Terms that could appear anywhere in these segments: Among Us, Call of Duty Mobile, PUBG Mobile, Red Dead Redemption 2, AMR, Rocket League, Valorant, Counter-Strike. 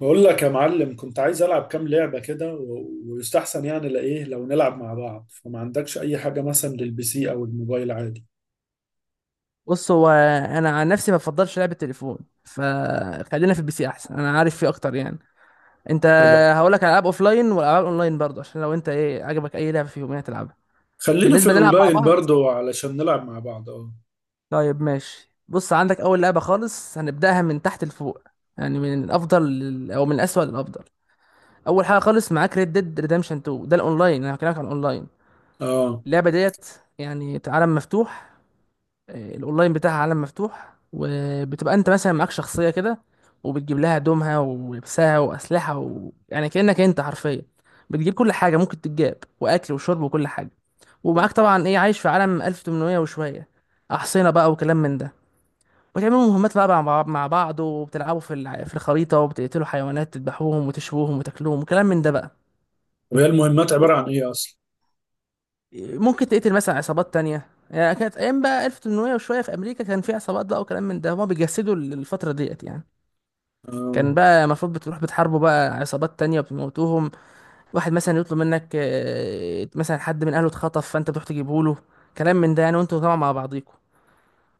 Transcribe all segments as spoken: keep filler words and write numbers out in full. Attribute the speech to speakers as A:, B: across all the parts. A: بقول لك يا معلم، كنت عايز العب كام لعبه كده و- ويستحسن يعني لايه لو نلعب مع بعض. فما عندكش اي حاجه مثلا للبي سي او الموبايل؟ عادي.
B: بص هو انا عن نفسي ما بفضلش لعب التليفون. فخلينا في البي سي احسن، انا عارف فيه اكتر يعني. انت؟
A: طب
B: هقولك على العاب لاين والعاب اونلاين برضه عشان لو انت ايه عجبك اي لعبه فيهم يعني تلعبها.
A: خلينا في
B: بالنسبه نلعب مع
A: الاونلاين
B: بعض،
A: برضو علشان نلعب مع بعض. اه.
B: طيب ماشي. بص، عندك اول لعبه خالص هنبداها من تحت لفوق، يعني من الافضل لل- او من الاسوأ للافضل. اول حاجه خالص معاك ريد ديد ريدمشن اتنين. ده الاونلاين، انا هكلمك عن الاونلاين.
A: اه،
B: اللعبه ديت يعني عالم مفتوح. آه، الاونلاين بتاعها عالم مفتوح، وبتبقى انت مثلا معاك شخصيه كده، وبتجيب لها هدومها ولبسها واسلحه و... يعني كانك انت حرفيا بتجيب كل حاجه ممكن تتجاب، واكل وشرب وكل حاجه. ومعاك طبعا ايه عايش في عالم ألف وتمنمية وشويه، احصنه بقى وكلام من ده. وتعملوا مهمات بقى مع بعض، مع بعض وبتلعبوا في الع- في الخريطه، وبتقتلوا حيوانات تذبحوهم وتشووهم وتاكلوهم وكلام من ده بقى.
A: طب هي المهمات عباره عن ايه اصلا؟
B: ممكن تقتل مثلا عصابات تانية، يعني كانت أيام بقى ألف وتمنمية وشوية في أمريكا، كان في عصابات بقى وكلام من ده، هما بيجسدوا الفترة ديت يعني.
A: اه.
B: كان بقى المفروض بتروح بتحاربوا بقى عصابات تانية وبتموتوهم. واحد مثلا يطلب منك، آه، مثلا حد من أهله اتخطف فأنت بتروح تجيبه له، كلام من ده يعني. وأنتوا طبعا مع بعضيكوا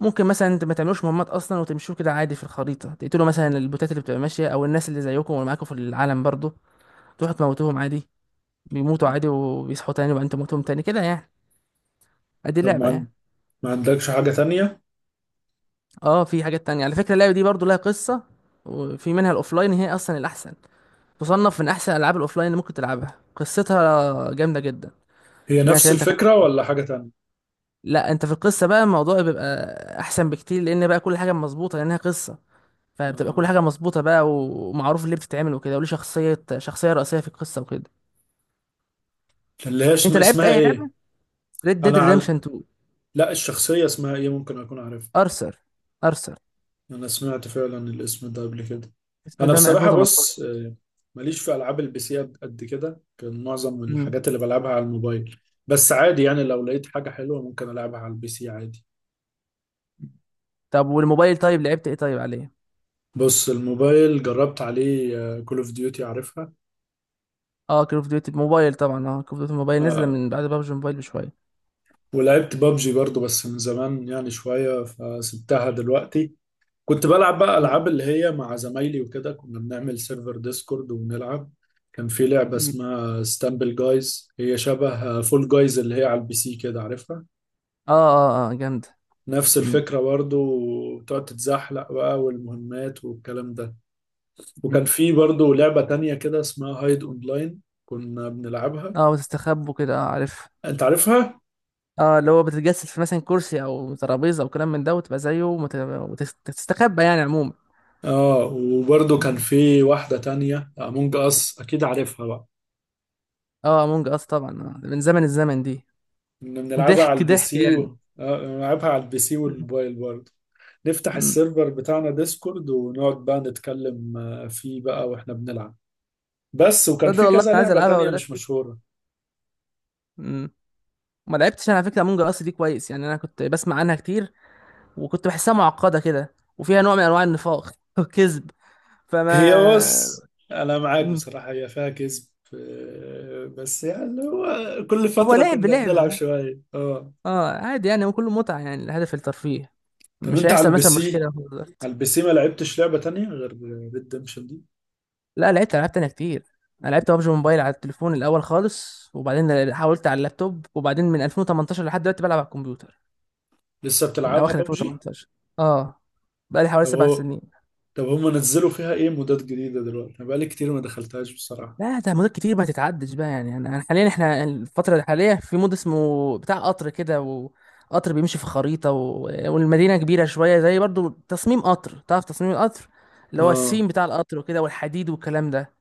B: ممكن مثلا انت ما تعملوش مهمات اصلا وتمشوا كده عادي في الخريطه، تقتلوا مثلا البوتات اللي بتبقى ماشيه، او الناس اللي زيكم واللي معاكم في العالم برضو تروحوا تموتوهم عادي. بيموتوا عادي وبيصحوا تاني، وبعدين تموتوهم تاني كده يعني. ادي
A: طب ما,
B: لعبه
A: عن-
B: يعني.
A: ما عندكش حاجه تانية؟
B: اه في حاجات تانية على فكرة، اللعبة دي برضو لها قصة. وفي منها الأوفلاين، هي أصلا الأحسن، تصنف من أحسن ألعاب الأوفلاين اللي ممكن تلعبها، قصتها جامدة جدا.
A: هي
B: إن أنا
A: نفس
B: كلمتك
A: الفكره
B: عنها؟
A: ولا حاجه تانية؟
B: لا، أنت في القصة بقى الموضوع بيبقى أحسن بكتير، لأن بقى كل حاجة مظبوطة لأنها قصة. فبتبقى كل
A: اه،
B: حاجة مظبوطة بقى، ومعروف اللي بتتعمل وكده، وليه شخصية، شخصية رئيسية في القصة وكده.
A: اللي هي
B: أنت
A: اسم-
B: لعبت
A: اسمها
B: أي
A: ايه؟
B: لعبة؟ ريد ديد
A: انا
B: ريدمشن
A: عل...
B: اتنين.
A: لا، الشخصيه اسمها ايه؟ ممكن اكون عارفها.
B: أرثر، أرثر.
A: انا سمعت فعلا الاسم ده قبل كده.
B: اسمه
A: انا
B: ده من
A: بصراحه
B: ألفين وتمنتاشر.
A: بص، آه، ماليش في العاب البي سي قد قد كده. كان معظم
B: مم.
A: الحاجات اللي بلعبها على الموبايل. بس عادي يعني، لو لقيت حاجه حلوه ممكن العبها على البي سي عادي.
B: طب والموبايل طيب لعبت إيه طيب عليه؟
A: بص، الموبايل جربت عليه كول اوف ديوتي، عارفها؟
B: اه كول اوف ديوتي موبايل طبعا. اه كول اوف ديوتي موبايل نزل
A: آه،
B: من بعد بابجي موبايل بشويه.
A: ولعبت بابجي برضو، بس من زمان يعني شويه فسبتها دلوقتي. كنت بلعب بقى
B: مم.
A: العاب اللي هي مع زمايلي وكده، كنا بنعمل سيرفر ديسكورد وبنلعب. كان في لعبة
B: مم.
A: اسمها ستامبل جايز، هي شبه فول جايز اللي هي على البي سي كده، عارفها؟
B: اه اه اه، جامده.
A: نفس
B: مم.
A: الفكرة برضو. وتقعد تتزحلق بقى، والمهمات والكلام ده.
B: مم.
A: وكان في برضو لعبة تانية كده اسمها هايد اونلاين كنا بنلعبها.
B: اه وتستخبوا كده، اه عارف.
A: انت عارفها؟
B: اه، اللي هو بتتجسد في مثلا كرسي او ترابيزه او كلام من ده، وتبقى زيه ومت- وتستخبى يعني عموما.
A: اه، وبرضو كان
B: مم.
A: في واحدة تانية، امونج اس، اكيد عارفها بقى.
B: اه امونج اس طبعا، آه. من زمن الزمن دي.
A: كنا بنلعبها على
B: ضحك
A: البي
B: ضحك
A: سي
B: يعني.
A: و... آه، بنلعبها على البي سي
B: مم.
A: والموبايل برضو. نفتح
B: امم
A: السيرفر بتاعنا ديسكورد ونقعد بقى نتكلم، آه، فيه بقى واحنا بنلعب. بس، وكان
B: تصدق
A: في
B: والله انا
A: كذا
B: عايز
A: لعبة
B: العبها
A: تانية مش
B: دلوقتي.
A: مشهورة.
B: امم ما لعبتش انا على فكره امونج اس دي كويس، يعني انا كنت بسمع عنها كتير، وكنت بحسها معقده كده وفيها نوع من انواع النفاق والكذب.
A: هي
B: فما...
A: بص، انا معاك
B: مم.
A: بصراحة، هي فيها كذب. آه، بس يعني هو كل
B: هو
A: فترة
B: لعب
A: كنا بنلعب
B: لعب.
A: شوية. اه.
B: اه عادي يعني، هو كله متعة، يعني الهدف الترفيه.
A: طب
B: مش
A: انت على
B: هيحصل
A: البي
B: مثلا
A: سي
B: مشكلة في الوقت.
A: على البي سي ما لعبتش لعبة تانية غير ريدمشن دي؟
B: لا، لعبت ألعاب تانية كتير. أنا لعبت ببجي موبايل على التليفون الأول خالص، وبعدين حاولت على اللابتوب، وبعدين من ألفين وتمنتاشر لحد دلوقتي بلعب على الكمبيوتر.
A: لسه
B: من
A: بتلعبها
B: أواخر
A: ببجي؟
B: ألفين وتمنتاشر. اه، بقالي حوالي
A: طب
B: سبع
A: هو
B: سنين.
A: طب هم نزلوا فيها ايه مودات جديدة دلوقتي؟ انا بقالي كتير ما دخلتهاش بصراحة.
B: لا، ده مدة كتير ما تتعدش بقى يعني. انا أنا حاليا، احنا الفترة الحالية في مود اسمه بتاع قطر كده، وقطر بيمشي في خريطة و... والمدينة كبيرة شوية، زي برضو تصميم قطر، تعرف تصميم القطر؟ اللي هو
A: اه.
B: السيم بتاع القطر وكده، والحديد والكلام ده.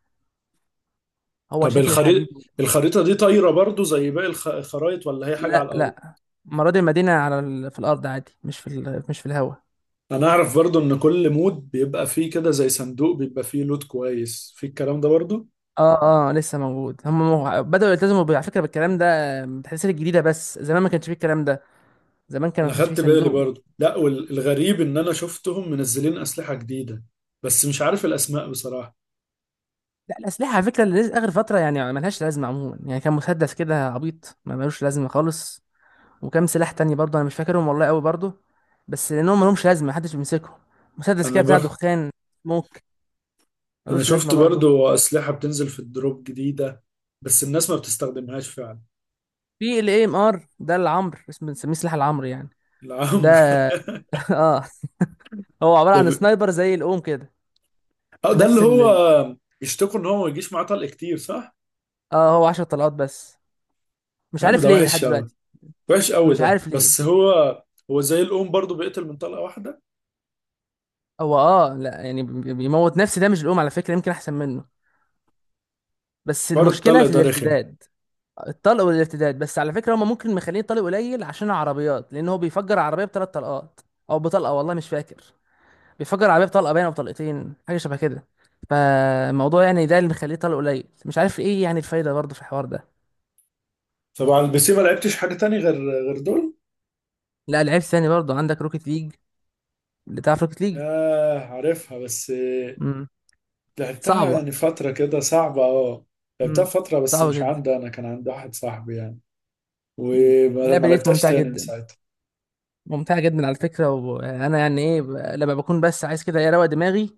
B: هو
A: طب
B: شكل
A: الخريطة
B: الحديد.
A: الخريطة دي طايرة برضو زي باقي الخ- الخرايط، ولا هي حاجة على
B: لا
A: الأرض؟
B: لا، مرة دي المدينة على ال... في الأرض عادي، مش في ال... مش في الهواء.
A: أنا أعرف برضو إن كل مود بيبقى فيه كده زي صندوق بيبقى فيه لود كويس، في الكلام ده برضو؟
B: اه اه، لسه موجود. هم مو- بدأوا يلتزموا ب- على فكرة بالكلام ده، بالتحديثات الجديدة. بس زمان ما كانش فيه الكلام ده، زمان كان ما
A: أنا
B: كانش فيه
A: خدت بالي
B: صندوق.
A: برضو. لا، والغريب إن أنا شفتهم منزلين أسلحة جديدة، بس مش عارف الأسماء بصراحة.
B: لا، الأسلحة على فكرة اللي آخر فترة يعني ملهاش لازمة عموما. يعني كان مسدس كده عبيط ما ملوش لازمة خالص، وكام سلاح تاني برضه أنا مش فاكرهم والله أوي برضه، بس لأنهم ملهمش لازمة محدش بيمسكهم. مسدس
A: أنا
B: كده بتاع
A: بر
B: دخان، موك،
A: أنا
B: ملوش لازمة
A: شفت
B: برضه.
A: برضو أسلحة بتنزل في الدروب جديدة، بس الناس ما بتستخدمهاش فعلا.
B: في ال A M R ده، العمر، اسمه، بنسميه سلاح العمر يعني. ده
A: العمر.
B: اه، هو عبارة
A: ده,
B: عن
A: ب...
B: سنايبر زي الأوم كده.
A: آه،
B: في
A: ده اللي
B: نفس
A: هو
B: ال...
A: بيشتكوا إن هو ما يجيش معاه طلق كتير، صح؟
B: اه هو عشرة طلقات بس، مش
A: يا عم
B: عارف
A: ده
B: ليه لحد
A: وحش أوي،
B: دلوقتي.
A: وحش قوي
B: مش
A: ده.
B: عارف ليه.
A: بس هو هو زي الأم برضو بيقتل من طلقة واحدة.
B: هو اه لا يعني بي- بيموت نفسي، ده مش الأوم، على فكرة يمكن أحسن منه، بس
A: حوار
B: المشكله
A: الطلق
B: في
A: ده رخم.
B: الارتداد. الطلق والارتداد. بس على فكره هما ممكن مخلين طلق قليل عشان العربيات، لان هو بيفجر عربيه بثلاث طلقات او بطلقه، والله مش فاكر، بيفجر عربيه بطلقه باينه او بطلقتين حاجه شبه كده. فالموضوع يعني ده اللي مخليه طلق قليل، مش عارف ايه يعني الفايده برضه في الحوار ده.
A: طب على البي سي ما لعبتش حاجة تاني غير غير دول؟
B: لا لعيب ثاني برضه، عندك روكيت ليج، اللي تعرف روكيت ليج.
A: ياه عارفها، بس
B: امم
A: لعبتها
B: صعبه.
A: يعني فترة كده صعبة. اه، لعبتها
B: امم
A: فترة بس
B: صعبه
A: مش
B: جدا.
A: عندي، أنا كان عند واحد صاحبي يعني.
B: مم.
A: وما ما
B: اللعبه ديت
A: لعبتهاش
B: ممتعه
A: تاني من
B: جدا،
A: ساعتها.
B: ممتعه جدا على فكره. وانا يعني ايه ب- لما بكون بس عايز كده ايه اروق دماغي،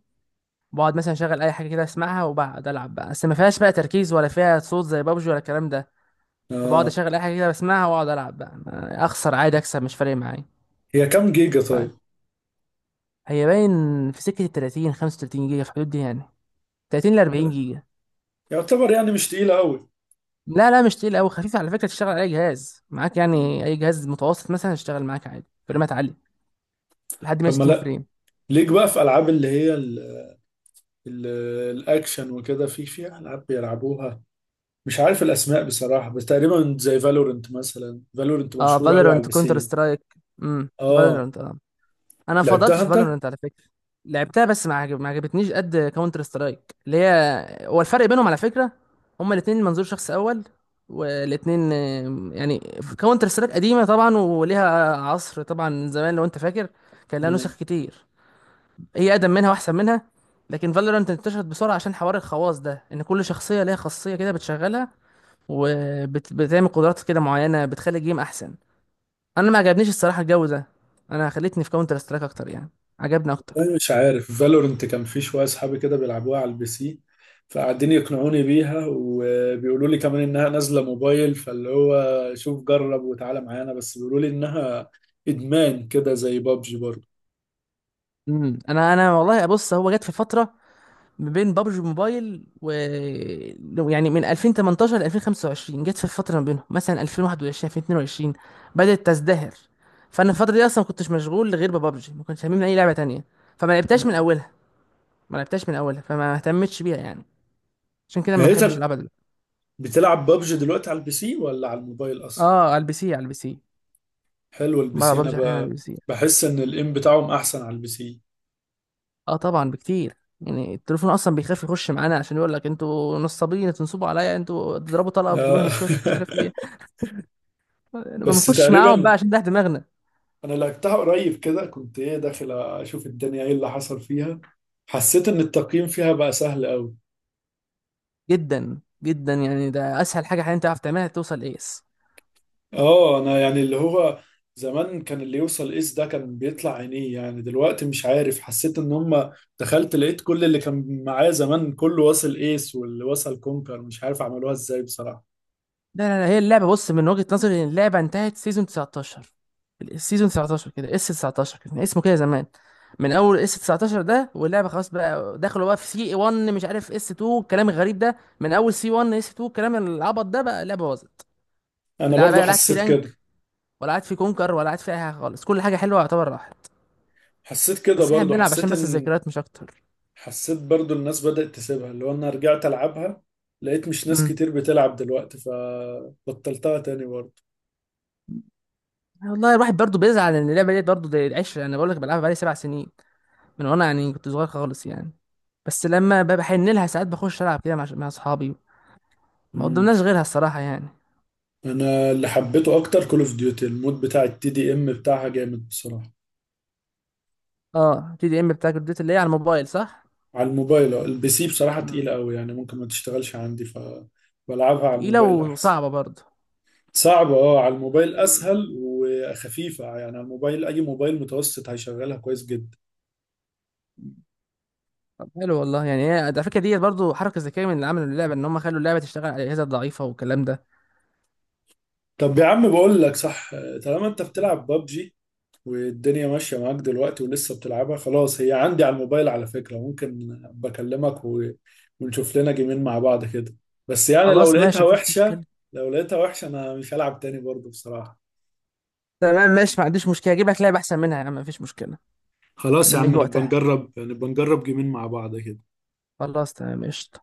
B: بقعد مثلا اشغل اي حاجه كده اسمعها، وبقعد العب بقى، بس ما فيهاش بقى تركيز ولا فيها صوت زي بابجي ولا الكلام ده. فبقعد
A: اه.
B: اشغل اي حاجه كده بسمعها واقعد العب بقى، ما- اخسر عادي اكسب مش فارق معايا
A: هي كام جيجا
B: بقى.
A: طيب؟
B: هي باين في سكه ال تلاتين خمسة وتلاتين جيجا، في الحدود دي يعني، تلاتين ل اربعين
A: لا،
B: جيجا.
A: يعتبر يعني مش تقيلة قوي.
B: لا لا، مش تقيل قوي، خفيف على فكره، تشتغل على اي جهاز معاك، يعني اي جهاز متوسط مثلا يشتغل معاك عادي فريمات عاليه لحد
A: طب ما
B: مية وستين
A: لا،
B: فريم.
A: ليك بقى في ألعاب اللي هي ال- ال- الأكشن وكده، في في ألعاب بيلعبوها، مش عارف الاسماء بصراحه، بس تقريبا زي فالورنت. مثلا فالورنت
B: اه
A: مشهوره قوي على
B: فالورانت،
A: البي
B: كونتر
A: سي.
B: سترايك. امم
A: اه،
B: فالورانت، انا فضلت
A: لعبتها
B: في
A: انت؟
B: فالورنت على فكره. لعبتها بس ما عجب- ما عجبتنيش قد كاونتر سترايك. اللي هي هو الفرق بينهم على فكره، هما الاثنين منظور شخص اول، والاثنين يعني، كاونتر سترايك قديمه طبعا وليها عصر طبعا زمان لو انت فاكر، كان لها
A: مم.
B: نسخ كتير، هي اقدم منها واحسن منها. لكن فالورانت انتشرت بسرعه عشان حوار الخواص ده، ان كل شخصيه ليها خاصيه كده بتشغلها وبتعمل قدرات كده معينه بتخلي الجيم احسن. انا ما عجبنيش الصراحه الجو ده، انا خلتني في كاونتر سترايك اكتر يعني، عجبني اكتر.
A: انا مش عارف، فالورنت كان في شويه اصحابي كده بيلعبوها على البي سي، فقاعدين يقنعوني بيها وبيقولوا لي كمان انها نازله موبايل، فاللي هو شوف جرب وتعالى معانا، بس بيقولوا لي انها ادمان كده زي بابجي برضه.
B: امم انا انا والله. بص، هو جت في فتره ما بين بابجي موبايل و... لو- يعني من ألفين وتمنتاشر ل ألفين وخمسة وعشرين جت في فتره ما بينهم مثلا ألفين وواحد وعشرين ألفين واتنين وعشرين بدات تزدهر. فانا الفتره دي اصلا ما كنتش مشغول غير ببجي، ما كنتش هممني اي لعبه تانية، فما لعبتهاش من
A: مم.
B: اولها. ما لعبتهاش من اولها فما اهتمتش بيها يعني، عشان كده ما
A: هي
B: بحبش
A: طب
B: العبها دلوقتي.
A: بتلعب بابجي دلوقتي على البي سي ولا على الموبايل اصلا؟
B: اه على البي سي، على البي سي.
A: حلو، البي
B: بقى
A: سي، انا
B: ببجي حاليا على
A: ب...
B: البي سي.
A: بحس ان الام بتاعهم احسن على البي سي.
B: اه طبعا بكتير، يعني التليفون اصلا بيخاف يخش معانا، عشان يقول لك انتوا نصابين تنصبوا عليا، انتوا تضربوا طلقه وتجيبون
A: آه.
B: هيد شوت مش عارف ايه. ما
A: بس
B: بنخشش معاهم بقى،
A: تقريبا،
B: عشان ده دماغنا.
A: انا لقيتها قريب كده، كنت ايه داخل اشوف الدنيا ايه اللي حصل فيها. حسيت ان التقييم فيها بقى سهل قوي.
B: جدا جدا يعني، ده اسهل حاجه حاليا تعرف تعملها توصل ايس.
A: اه، انا يعني اللي هو زمان كان اللي يوصل اس ده كان بيطلع عينيه يعني، دلوقتي مش عارف. حسيت ان هم، دخلت لقيت كل اللي كان معايا زمان كله واصل ايس واللي واصل كونكر، مش عارف عملوها ازاي بصراحة.
B: لا لا لا، هي اللعبه بص من وجهه نظري إن اللعبه انتهت سيزون تسعة عشر. السيزون تسعتاشر كده، اس تسعتاشر كان اسمه كده زمان. من اول اس تسعتاشر ده واللعبه خلاص، بقى دخلوا بقى في سي واحد مش عارف اس اتنين الكلام الغريب ده، من اول سي واحد اس اتنين الكلام العبط ده بقى اللعبه باظت.
A: انا
B: لا
A: برضو
B: بقى، لا قعدت في
A: حسيت كده.
B: رانك، ولا قعدت في كونكر، ولا قعدت في اي حاجه خالص، كل حاجه حلوه يعتبر راحت،
A: حسيت كده
B: بس احنا
A: برضو،
B: بنلعب عشان
A: حسيت
B: بس
A: ان،
B: الذكريات مش اكتر.
A: حسيت برضو الناس بدأت تسيبها. اللي هو انا رجعت العبها لقيت مش ناس
B: مم.
A: كتير بتلعب دلوقتي، فبطلتها تاني برضو.
B: والله الواحد برضه بيزعل ان اللعبه ديت برضه دي العشره، انا بقول لك بلعبها بقالي سبع سنين، من وانا يعني كنت صغير خالص يعني. بس لما ب- بحن لها ساعات بخش العب كده مع مع اصحابي، ما
A: مم.
B: قدمناش غيرها الصراحه يعني.
A: انا اللي حبيته اكتر كول اوف ديوتي، المود بتاع التي دي ام بتاعها جامد بصراحة.
B: اه تي دي ام بتاع كول اوف ديوتي، اللي هي على الموبايل صح؟
A: على الموبايل. آه. البي سي بصراحة تقيلة
B: مم.
A: قوي يعني، ممكن ما تشتغلش عندي فبلعبها على
B: تقيله
A: الموبايل احسن.
B: وصعبه برضه.
A: صعبة اه، على الموبايل
B: مم.
A: اسهل وخفيفة، يعني على الموبايل اي موبايل متوسط هيشغلها كويس جدا.
B: طب حلو والله يعني، هي على فكره ديت برضه حركه ذكيه من اللي عملوا اللعبه، ان هم خلوا اللعبه تشتغل على الاجهزه الضعيفه والكلام ده.
A: طب يا عم بقول لك صح، طالما انت بتلعب ببجي والدنيا ماشية معاك دلوقتي ولسه بتلعبها، خلاص هي عندي على الموبايل على فكرة، ممكن بكلمك و... ونشوف لنا جيمين مع بعض كده. بس يعني لو
B: خلاص
A: لقيتها
B: ماشي، مفيش
A: وحشة،
B: مشكله.
A: لو لقيتها وحشة أنا مش هلعب تاني برضه بصراحة.
B: تمام ماشي، ما عنديش مشكله، اجيب لك لعبه احسن منها يا عم، مفيش مشكله.
A: خلاص يا
B: لما
A: عم،
B: يجي
A: نبقى
B: وقتها.
A: نجرب، نبقى نجرب جيمين مع بعض كده.
B: خلاص تمام، قشطه.